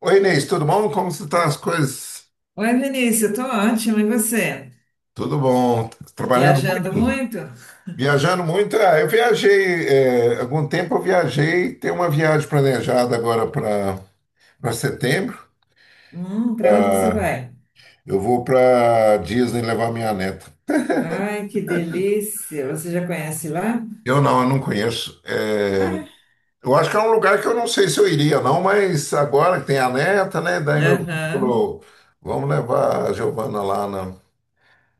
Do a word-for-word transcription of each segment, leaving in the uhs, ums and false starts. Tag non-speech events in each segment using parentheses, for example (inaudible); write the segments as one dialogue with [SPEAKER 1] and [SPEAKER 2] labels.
[SPEAKER 1] Oi, Inês, tudo bom? Como estão as coisas?
[SPEAKER 2] Oi, Vinícius, eu tô ótima, e você?
[SPEAKER 1] Tudo bom. Trabalhando
[SPEAKER 2] Viajando
[SPEAKER 1] muito?
[SPEAKER 2] muito?
[SPEAKER 1] Viajando muito? Ah, eu viajei, é, algum tempo eu viajei, tem uma viagem planejada agora para para setembro.
[SPEAKER 2] Hum, para onde que você
[SPEAKER 1] Ah,
[SPEAKER 2] vai?
[SPEAKER 1] eu vou para Disney levar minha neta.
[SPEAKER 2] Ai, que delícia! Você já conhece lá?
[SPEAKER 1] Eu não, eu não conheço. É,
[SPEAKER 2] Ah,
[SPEAKER 1] eu acho que é um lugar que eu não sei se eu iria, não, mas agora que tem a neta, né? Daí meu filho
[SPEAKER 2] aham.
[SPEAKER 1] falou, vamos levar a Giovana lá na,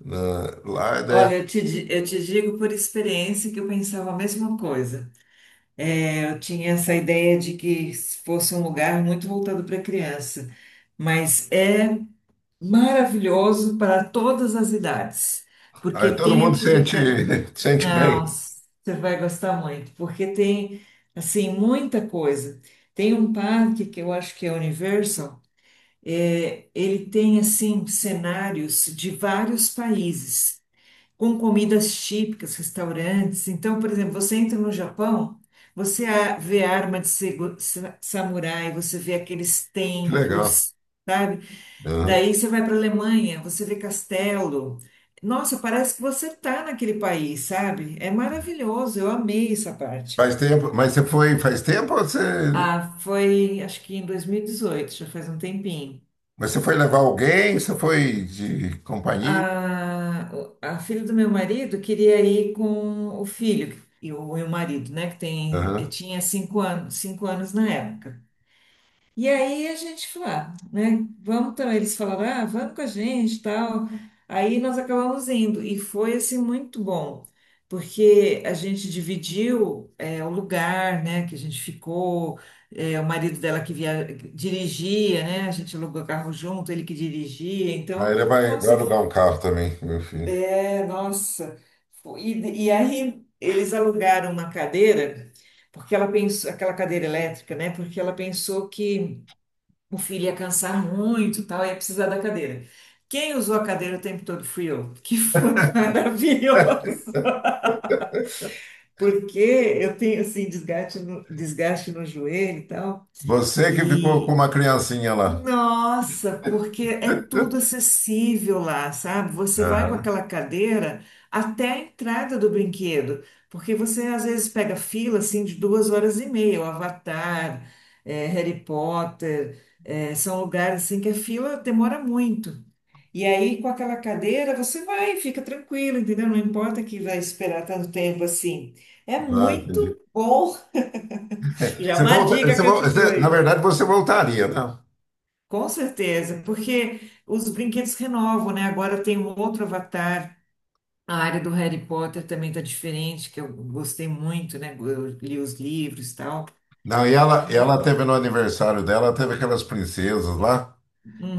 [SPEAKER 1] na- lá, e daí,
[SPEAKER 2] Olha, eu te, di- eu te digo por experiência que eu pensava a mesma coisa. É, eu tinha essa ideia de que fosse um lugar muito voltado para criança, mas é maravilhoso para todas as idades,
[SPEAKER 1] aí
[SPEAKER 2] porque
[SPEAKER 1] todo
[SPEAKER 2] tem
[SPEAKER 1] mundo sente,
[SPEAKER 2] atividade.
[SPEAKER 1] (laughs) sente
[SPEAKER 2] Não,
[SPEAKER 1] bem.
[SPEAKER 2] você vai gostar muito, porque tem, assim, muita coisa. Tem um parque que eu acho que é Universal, é, ele tem, assim, cenários de vários países, com comidas típicas, restaurantes. Então, por exemplo, você entra no Japão, você a- vê arma de segu- sa- samurai, você vê aqueles
[SPEAKER 1] Que legal.
[SPEAKER 2] templos, sabe?
[SPEAKER 1] Aham.
[SPEAKER 2] Daí você vai para a Alemanha, você vê castelo. Nossa, parece que você tá naquele país, sabe? É maravilhoso, eu amei essa parte.
[SPEAKER 1] Faz tempo, mas você foi faz tempo ou você,
[SPEAKER 2] Ah, foi, acho que em dois mil e dezoito, já faz um tempinho.
[SPEAKER 1] mas você foi levar alguém? Você foi de companhia?
[SPEAKER 2] A, a filha do meu marido queria ir com o filho e o, e o marido, né? Que tem,
[SPEAKER 1] Aham.
[SPEAKER 2] tinha cinco anos, cinco anos na época. E aí a gente falou, ah, né? Vamos também. Eles falaram, ah, vamos com a gente, tal. Aí nós acabamos indo e foi assim muito bom, porque a gente dividiu é, o lugar, né? Que a gente ficou. É, o marido dela que via, dirigia, né? A gente alugou carro junto, ele que dirigia.
[SPEAKER 1] Aí
[SPEAKER 2] Então,
[SPEAKER 1] ele vai, vai
[SPEAKER 2] nossa,
[SPEAKER 1] alugar um carro também, meu filho.
[SPEAKER 2] é, nossa. Foi- E, e aí eles alugaram uma cadeira, porque ela pensou, aquela cadeira elétrica, né? Porque ela pensou que o filho ia cansar muito, e tal, ia precisar da cadeira. Quem usou a cadeira o tempo todo fui eu, que foi (laughs) maravilhoso, porque eu tenho assim desgaste no, desgaste no joelho e tal.
[SPEAKER 1] Você que ficou com
[SPEAKER 2] E
[SPEAKER 1] uma criancinha lá.
[SPEAKER 2] nossa, porque é tudo acessível lá, sabe? Você vai com
[SPEAKER 1] Aham.
[SPEAKER 2] aquela cadeira até a entrada do brinquedo, porque você às vezes pega fila assim de duas horas e meia, o Avatar, eh, Harry Potter, eh, são lugares assim que a fila demora muito. E aí, com aquela cadeira, você vai, fica tranquilo, entendeu? Não importa que vai esperar tanto tempo assim. É
[SPEAKER 1] Ah,
[SPEAKER 2] muito
[SPEAKER 1] entendi.
[SPEAKER 2] bom. (laughs)
[SPEAKER 1] (laughs)
[SPEAKER 2] Já é
[SPEAKER 1] Você
[SPEAKER 2] uma
[SPEAKER 1] volta,
[SPEAKER 2] dica
[SPEAKER 1] você,
[SPEAKER 2] que eu
[SPEAKER 1] vol-
[SPEAKER 2] te dou
[SPEAKER 1] você- na
[SPEAKER 2] aí.
[SPEAKER 1] verdade, você voltaria, né?
[SPEAKER 2] Com certeza, porque os brinquedos renovam, né? Agora tem um outro avatar. A área do Harry Potter também tá diferente, que eu gostei muito, né? Eu li os livros e tal.
[SPEAKER 1] Não, e ela, e
[SPEAKER 2] É,
[SPEAKER 1] ela teve no aniversário dela, teve aquelas princesas lá.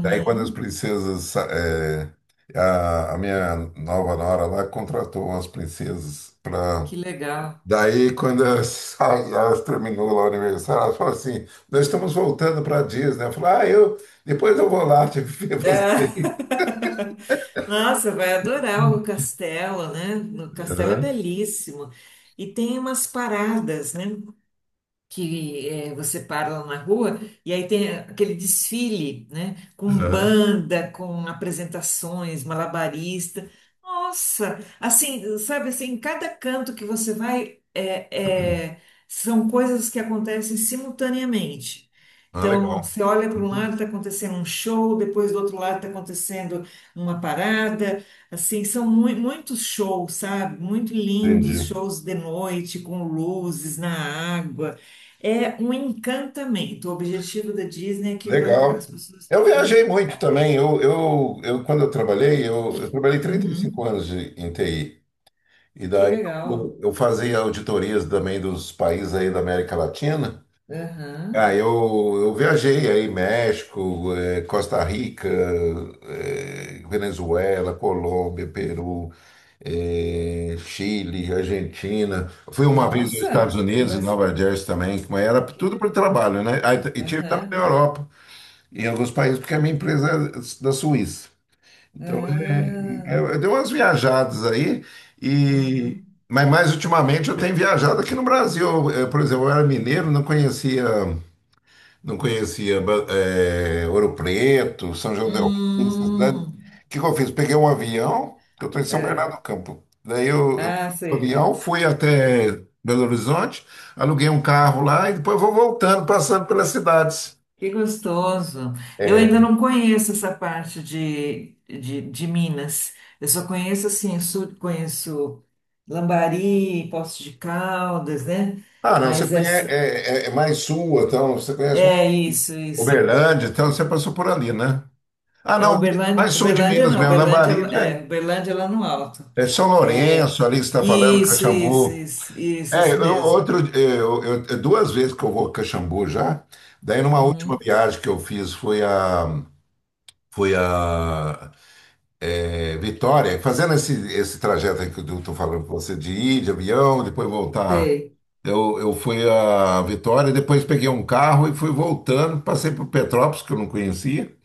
[SPEAKER 1] Daí, quando as princesas. sa- é, a, a minha nova nora lá contratou umas princesas para
[SPEAKER 2] que legal.
[SPEAKER 1] daí, quando elas, (laughs) elas terminou lá o aniversário, elas falaram assim: Nós estamos voltando para a Disney. Eu falei: Ah, eu, depois eu vou lá te ver
[SPEAKER 2] É.
[SPEAKER 1] você.
[SPEAKER 2] (laughs) Nossa, vai adorar o castelo, né? O castelo é
[SPEAKER 1] Aham,
[SPEAKER 2] belíssimo. E tem umas paradas, né? Que eh, você para lá na rua e aí tem aquele desfile, né? Com
[SPEAKER 1] aham.
[SPEAKER 2] banda, com apresentações, malabarista. Nossa, assim, sabe assim, em cada canto que você vai, é, é, são coisas que acontecem simultaneamente.
[SPEAKER 1] Ah,
[SPEAKER 2] Então,
[SPEAKER 1] legal.
[SPEAKER 2] você olha para um lado, está acontecendo um show, depois do outro lado está acontecendo uma parada. Assim, são mui- muitos shows, sabe? Muito lindos
[SPEAKER 1] Entendi.
[SPEAKER 2] shows de noite, com luzes na água. É um encantamento. O objetivo da Disney é que va- as
[SPEAKER 1] Legal.
[SPEAKER 2] pessoas
[SPEAKER 1] Eu
[SPEAKER 2] fiquem
[SPEAKER 1] viajei muito também.
[SPEAKER 2] encantadas.
[SPEAKER 1] Eu, eu, eu quando eu trabalhei, eu, eu trabalhei trinta e cinco
[SPEAKER 2] Uhum.
[SPEAKER 1] anos de, em T I. E
[SPEAKER 2] Que
[SPEAKER 1] daí
[SPEAKER 2] legal.
[SPEAKER 1] eu, eu fazia auditorias também dos países aí da América Latina.
[SPEAKER 2] Aham.
[SPEAKER 1] Ah, eu, eu viajei aí, México, eh, Costa Rica, eh, Venezuela, Colômbia, Peru, eh, Chile, Argentina. Fui uma vez aos Estados
[SPEAKER 2] Nossa, tem
[SPEAKER 1] Unidos, em
[SPEAKER 2] bastante.
[SPEAKER 1] Nova Jersey também, mas era tudo por trabalho, né? Aí e tive também na
[SPEAKER 2] Aham.
[SPEAKER 1] Europa, em alguns países, porque a minha empresa é da Suíça. Então,
[SPEAKER 2] Ah.
[SPEAKER 1] é, eu, eu dei umas viajadas aí e...
[SPEAKER 2] Uhum.
[SPEAKER 1] Mas mais ultimamente eu tenho viajado aqui no Brasil. Eh, Por exemplo, eu era mineiro, não conhecia não conhecia Ba- eh, Ouro Preto, São João del Rei, essa cidade. O
[SPEAKER 2] Hum.
[SPEAKER 1] que que eu fiz? Peguei um avião, que eu estou em São
[SPEAKER 2] É.
[SPEAKER 1] Bernardo do Campo. Daí eu, eu
[SPEAKER 2] Ah,
[SPEAKER 1] peguei o
[SPEAKER 2] sei.
[SPEAKER 1] avião, fui até Belo Horizonte, aluguei um carro lá e depois vou voltando, passando pelas cidades.
[SPEAKER 2] Que gostoso. Eu
[SPEAKER 1] É.
[SPEAKER 2] ainda não conheço essa parte de, de, de Minas. Eu só conheço assim, sul, conheço Lambari, Poços de Caldas, né?
[SPEAKER 1] Ah, não, você
[SPEAKER 2] Mas
[SPEAKER 1] conhece,
[SPEAKER 2] essa
[SPEAKER 1] é, é- é mais sul, então, você conhece mais
[SPEAKER 2] é isso, isso.
[SPEAKER 1] Uberlândia, então você passou por ali, né? Ah,
[SPEAKER 2] É
[SPEAKER 1] não,
[SPEAKER 2] Uberlândia,
[SPEAKER 1] mais sul de
[SPEAKER 2] Uberlândia
[SPEAKER 1] Minas
[SPEAKER 2] não,
[SPEAKER 1] mesmo,
[SPEAKER 2] Uberlândia
[SPEAKER 1] Lambari, já
[SPEAKER 2] é
[SPEAKER 1] é,
[SPEAKER 2] Uberlândia lá no alto.
[SPEAKER 1] é São
[SPEAKER 2] É
[SPEAKER 1] Lourenço, ali que você está falando,
[SPEAKER 2] isso, isso,
[SPEAKER 1] Caxambu.
[SPEAKER 2] isso, isso,
[SPEAKER 1] É,
[SPEAKER 2] isso
[SPEAKER 1] eu,
[SPEAKER 2] mesmo.
[SPEAKER 1] outro, eu, eu- eu- é duas vezes que eu vou a Caxambu já. Daí, numa última
[SPEAKER 2] Uhum,
[SPEAKER 1] viagem que eu fiz, foi a, foi a é, Vitória, fazendo esse, esse trajeto aí que eu estou falando com você, de ir de avião, depois voltar.
[SPEAKER 2] sei.
[SPEAKER 1] Eu, eu fui a Vitória, depois peguei um carro e fui voltando. Passei por Petrópolis, que eu não conhecia.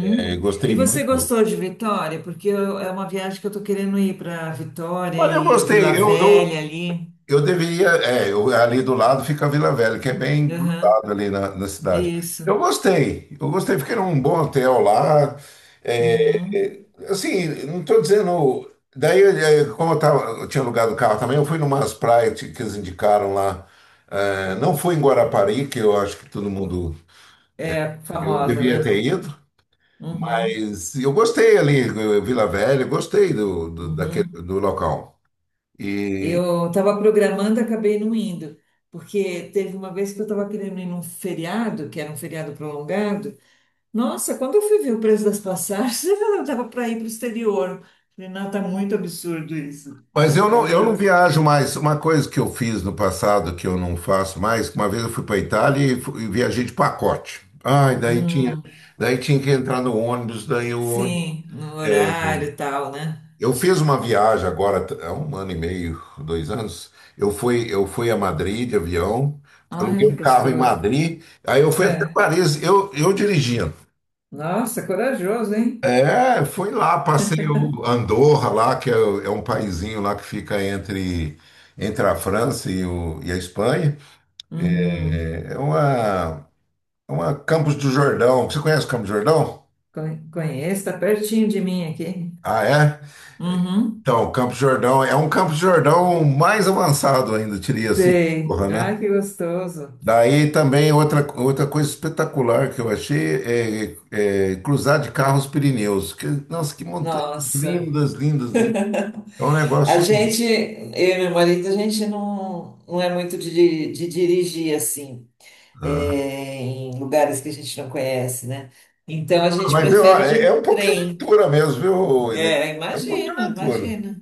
[SPEAKER 1] É,
[SPEAKER 2] E
[SPEAKER 1] gostei
[SPEAKER 2] você
[SPEAKER 1] muito.
[SPEAKER 2] gostou de Vitória? Porque eu- é uma viagem que eu estou querendo ir para Vitória
[SPEAKER 1] Olha, eu
[SPEAKER 2] e Vila
[SPEAKER 1] gostei. Eu, eu,
[SPEAKER 2] Velha ali.
[SPEAKER 1] Eu deveria, é, eu, ali do lado fica a Vila Velha, que é bem
[SPEAKER 2] Uhum.
[SPEAKER 1] grudado ali na, na cidade.
[SPEAKER 2] Isso.
[SPEAKER 1] Eu gostei, eu gostei, fiquei num bom hotel lá. é,
[SPEAKER 2] Uhum.
[SPEAKER 1] é, assim, não estou dizendo. Daí, é, como eu, tava, eu tinha alugado o carro também, eu fui numas praias que eles indicaram lá. É, não fui em Guarapari, que eu acho que todo mundo.
[SPEAKER 2] É
[SPEAKER 1] Eu
[SPEAKER 2] famosa,
[SPEAKER 1] devia
[SPEAKER 2] né?
[SPEAKER 1] ter ido,
[SPEAKER 2] Uhum.
[SPEAKER 1] mas eu gostei ali, eh, Vila Velha, gostei do, do, daquele,
[SPEAKER 2] Uhum.
[SPEAKER 1] do local. E.
[SPEAKER 2] Eu estava programando, acabei não indo, porque teve uma vez que eu estava querendo ir num feriado, que era um feriado prolongado. Nossa, quando eu fui ver o preço das passagens, (laughs) eu estava para ir para o exterior. Falei, não, tá muito absurdo isso.
[SPEAKER 1] Mas eu não,
[SPEAKER 2] Aí
[SPEAKER 1] eu não
[SPEAKER 2] eu.
[SPEAKER 1] viajo mais. Uma coisa que eu fiz no passado que eu não faço mais, que uma vez eu fui para Itália e fu- e viajei de pacote. Ai, daí tinha,
[SPEAKER 2] Hum,
[SPEAKER 1] daí tinha que entrar no ônibus, daí o ônibus.
[SPEAKER 2] sim, no horário e tal, né?
[SPEAKER 1] Eu fiz uma viagem agora, t- há um ano e meio, dois anos. Eu fui, eu fui a Madrid de avião, aluguei
[SPEAKER 2] Ai, que
[SPEAKER 1] um carro em
[SPEAKER 2] gostoso.
[SPEAKER 1] Madrid, aí eu fui até
[SPEAKER 2] É.
[SPEAKER 1] Paris, eu, eu dirigindo.
[SPEAKER 2] Nossa, corajoso, hein?
[SPEAKER 1] É, fui lá, passei o Andorra lá, que é, o- é um paizinho lá que fica entre, entre a França e, o- e a Espanha.
[SPEAKER 2] Uhum.
[SPEAKER 1] É, é uma, é uma Campos do Jordão. Você conhece Campos do Jordão?
[SPEAKER 2] Con- Conheço, tá pertinho de mim aqui.
[SPEAKER 1] Ah, é?
[SPEAKER 2] Uhum.
[SPEAKER 1] Então, Campos do Jordão é um Campos do Jordão mais avançado ainda, diria assim,
[SPEAKER 2] Sei.
[SPEAKER 1] Andorra, né?
[SPEAKER 2] Ai, que gostoso.
[SPEAKER 1] Daí também outra, outra coisa espetacular que eu achei é, é cruzar de carro os Pirineus. Que- nossa, que montanhas
[SPEAKER 2] Nossa.
[SPEAKER 1] lindas, lindas, lindas. É um
[SPEAKER 2] (laughs) A
[SPEAKER 1] negócio.
[SPEAKER 2] gente, eu e meu marido, a gente não, não é muito de, de dirigir assim, é, em lugares que a gente não conhece, né? Então a gente
[SPEAKER 1] Mas
[SPEAKER 2] prefere
[SPEAKER 1] olha, é
[SPEAKER 2] de
[SPEAKER 1] é um pouco de
[SPEAKER 2] trem.
[SPEAKER 1] aventura mesmo, viu, Inês?
[SPEAKER 2] É,
[SPEAKER 1] É um pouco de
[SPEAKER 2] imagina,
[SPEAKER 1] aventura.
[SPEAKER 2] imagina.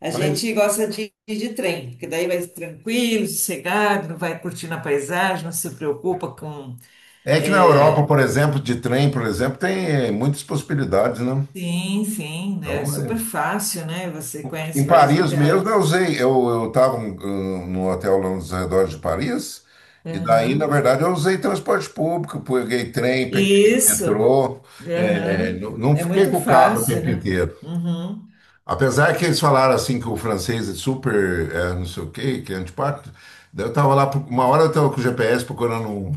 [SPEAKER 2] A gente
[SPEAKER 1] Mas
[SPEAKER 2] gosta de ir de trem, porque daí vai tranquilo, sossegado, não vai curtindo a paisagem, não se preocupa com.
[SPEAKER 1] é que na Europa,
[SPEAKER 2] É,
[SPEAKER 1] por exemplo, de trem, por exemplo, tem eh, muitas possibilidades, né?
[SPEAKER 2] sim, sim, né, é
[SPEAKER 1] Então,
[SPEAKER 2] super
[SPEAKER 1] é-
[SPEAKER 2] fácil, né? Você conhece
[SPEAKER 1] em
[SPEAKER 2] vários
[SPEAKER 1] Paris mesmo, eu
[SPEAKER 2] lugares.
[SPEAKER 1] usei. Eu estava no hotel lá nos arredores de Paris, e daí, na
[SPEAKER 2] Aham.
[SPEAKER 1] verdade, eu usei transporte público, peguei trem, peguei
[SPEAKER 2] Isso,
[SPEAKER 1] metrô, eh,
[SPEAKER 2] aham.
[SPEAKER 1] não não
[SPEAKER 2] É
[SPEAKER 1] fiquei
[SPEAKER 2] muito
[SPEAKER 1] com o carro o
[SPEAKER 2] fácil,
[SPEAKER 1] tempo
[SPEAKER 2] né?
[SPEAKER 1] inteiro.
[SPEAKER 2] Uhum.
[SPEAKER 1] Apesar que eles falaram assim que o francês é super, é, não sei o quê, que é antipático, daí eu tava lá, pro- uma hora eu tava com o G P S procurando um,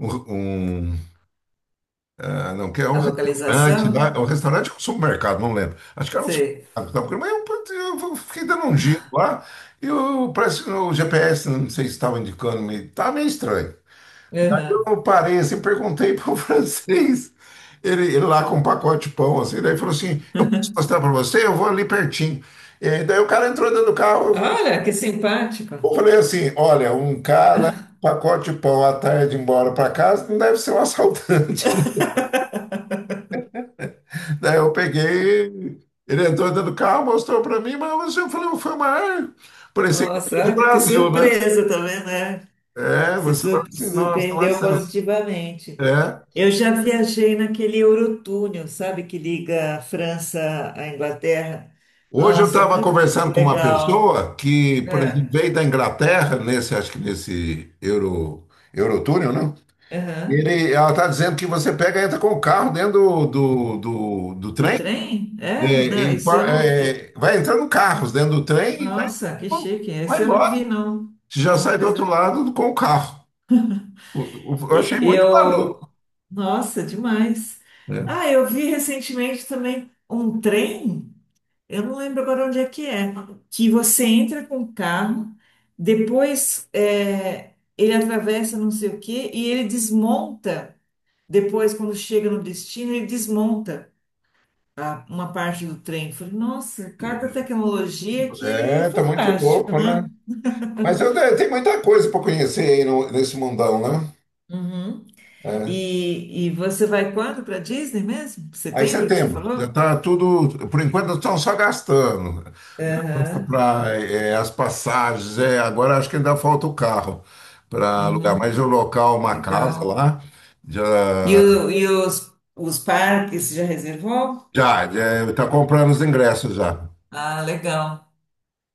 [SPEAKER 1] um, um, ah, não, que é um
[SPEAKER 2] A
[SPEAKER 1] restaurante, lá,
[SPEAKER 2] localização?
[SPEAKER 1] é um restaurante ou supermercado, não lembro. Acho que era um supermercado,
[SPEAKER 2] Sei.
[SPEAKER 1] que tava procurando, mas eu, eu fiquei dando um giro lá e eu, parece que o G P S, não sei se estava indicando, meio- tava meio estranho. Aí
[SPEAKER 2] Aham.
[SPEAKER 1] eu parei assim, perguntei para o (laughs) francês, ele, ele lá com um pacote de pão, assim, daí falou assim, eu posso mostrar para você? Eu vou ali pertinho. E daí o cara entrou dentro do carro,
[SPEAKER 2] Olha, que simpático.
[SPEAKER 1] eu falei assim, olha, um cara, pacote de pão à tarde embora para casa, não deve ser um assaltante. (laughs) Daí eu peguei, ele entrou dentro do carro, mostrou para mim, mas eu falei, foi uma arma. Parecia que
[SPEAKER 2] Nossa,
[SPEAKER 1] foi de
[SPEAKER 2] olha que
[SPEAKER 1] Brasil, né?
[SPEAKER 2] surpresa também, né?
[SPEAKER 1] É,
[SPEAKER 2] Se
[SPEAKER 1] você fala
[SPEAKER 2] sur-
[SPEAKER 1] assim, nossa, não é
[SPEAKER 2] Surpreendeu
[SPEAKER 1] certo.
[SPEAKER 2] positivamente.
[SPEAKER 1] É.
[SPEAKER 2] Eu já viajei naquele Eurotúnel, sabe, que liga a França à Inglaterra.
[SPEAKER 1] Hoje eu
[SPEAKER 2] Nossa,
[SPEAKER 1] estava
[SPEAKER 2] muito
[SPEAKER 1] conversando com uma
[SPEAKER 2] legal.
[SPEAKER 1] pessoa que, por exemplo,
[SPEAKER 2] É.
[SPEAKER 1] veio da Inglaterra, nesse, acho que nesse Euro, Eurotúnel, não?
[SPEAKER 2] Aham.
[SPEAKER 1] Ele, ela está dizendo que você pega e entra com o carro dentro do, do, do, do
[SPEAKER 2] Do
[SPEAKER 1] trem,
[SPEAKER 2] trem? É?
[SPEAKER 1] é,
[SPEAKER 2] Não,
[SPEAKER 1] em-
[SPEAKER 2] isso eu
[SPEAKER 1] par-
[SPEAKER 2] não. e-
[SPEAKER 1] é, vai entrando carros dentro do trem e vai
[SPEAKER 2] Nossa, que chique.
[SPEAKER 1] vai
[SPEAKER 2] Esse eu não vi,
[SPEAKER 1] embora.
[SPEAKER 2] não.
[SPEAKER 1] Você já
[SPEAKER 2] Não
[SPEAKER 1] sai do outro
[SPEAKER 2] precisa.
[SPEAKER 1] lado com o carro. Eu eu
[SPEAKER 2] e-
[SPEAKER 1] achei muito maluco.
[SPEAKER 2] Eu. Nossa, demais. Ah, eu vi recentemente também um trem. Eu não lembro agora onde é que é. Que você entra com o carro, depois é, ele atravessa não sei o quê e ele desmonta. Depois, quando chega no destino, ele desmonta a- uma parte do trem. Eu falei, nossa, cada tecnologia que é
[SPEAKER 1] É, é, tá muito
[SPEAKER 2] fantástica.
[SPEAKER 1] louco, né? Mas eu,
[SPEAKER 2] (laughs)
[SPEAKER 1] tem muita coisa para conhecer aí no- nesse mundão, né?
[SPEAKER 2] Uhum.
[SPEAKER 1] É.
[SPEAKER 2] E, e você vai quando para Disney mesmo?
[SPEAKER 1] Aí
[SPEAKER 2] Setembro que você
[SPEAKER 1] setembro, já
[SPEAKER 2] falou?
[SPEAKER 1] está tudo, por enquanto estão só gastando
[SPEAKER 2] Aham.
[SPEAKER 1] para as passagens, é, agora acho que ainda falta o carro para alugar,
[SPEAKER 2] Uhum.
[SPEAKER 1] mas o local, uma casa
[SPEAKER 2] Legal.
[SPEAKER 1] lá, já
[SPEAKER 2] E, o- e os, os parques, já reservou?
[SPEAKER 1] já já está comprando os ingressos já.
[SPEAKER 2] Ah, legal,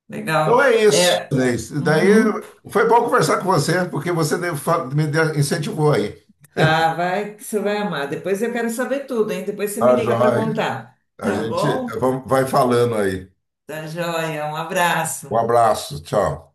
[SPEAKER 2] legal.
[SPEAKER 1] Então é isso,
[SPEAKER 2] É,
[SPEAKER 1] Inês. Daí
[SPEAKER 2] uhum.
[SPEAKER 1] foi bom conversar com você, porque você deu- fa- me deu- incentivou aí.
[SPEAKER 2] Ah, vai que você vai amar. Depois eu quero saber tudo, hein? Depois você me
[SPEAKER 1] Tá,
[SPEAKER 2] liga para
[SPEAKER 1] joia.
[SPEAKER 2] contar.
[SPEAKER 1] A
[SPEAKER 2] Tá
[SPEAKER 1] gente
[SPEAKER 2] bom?
[SPEAKER 1] vamos- vai falando aí.
[SPEAKER 2] Tá joia. Um abraço.
[SPEAKER 1] Um abraço, tchau.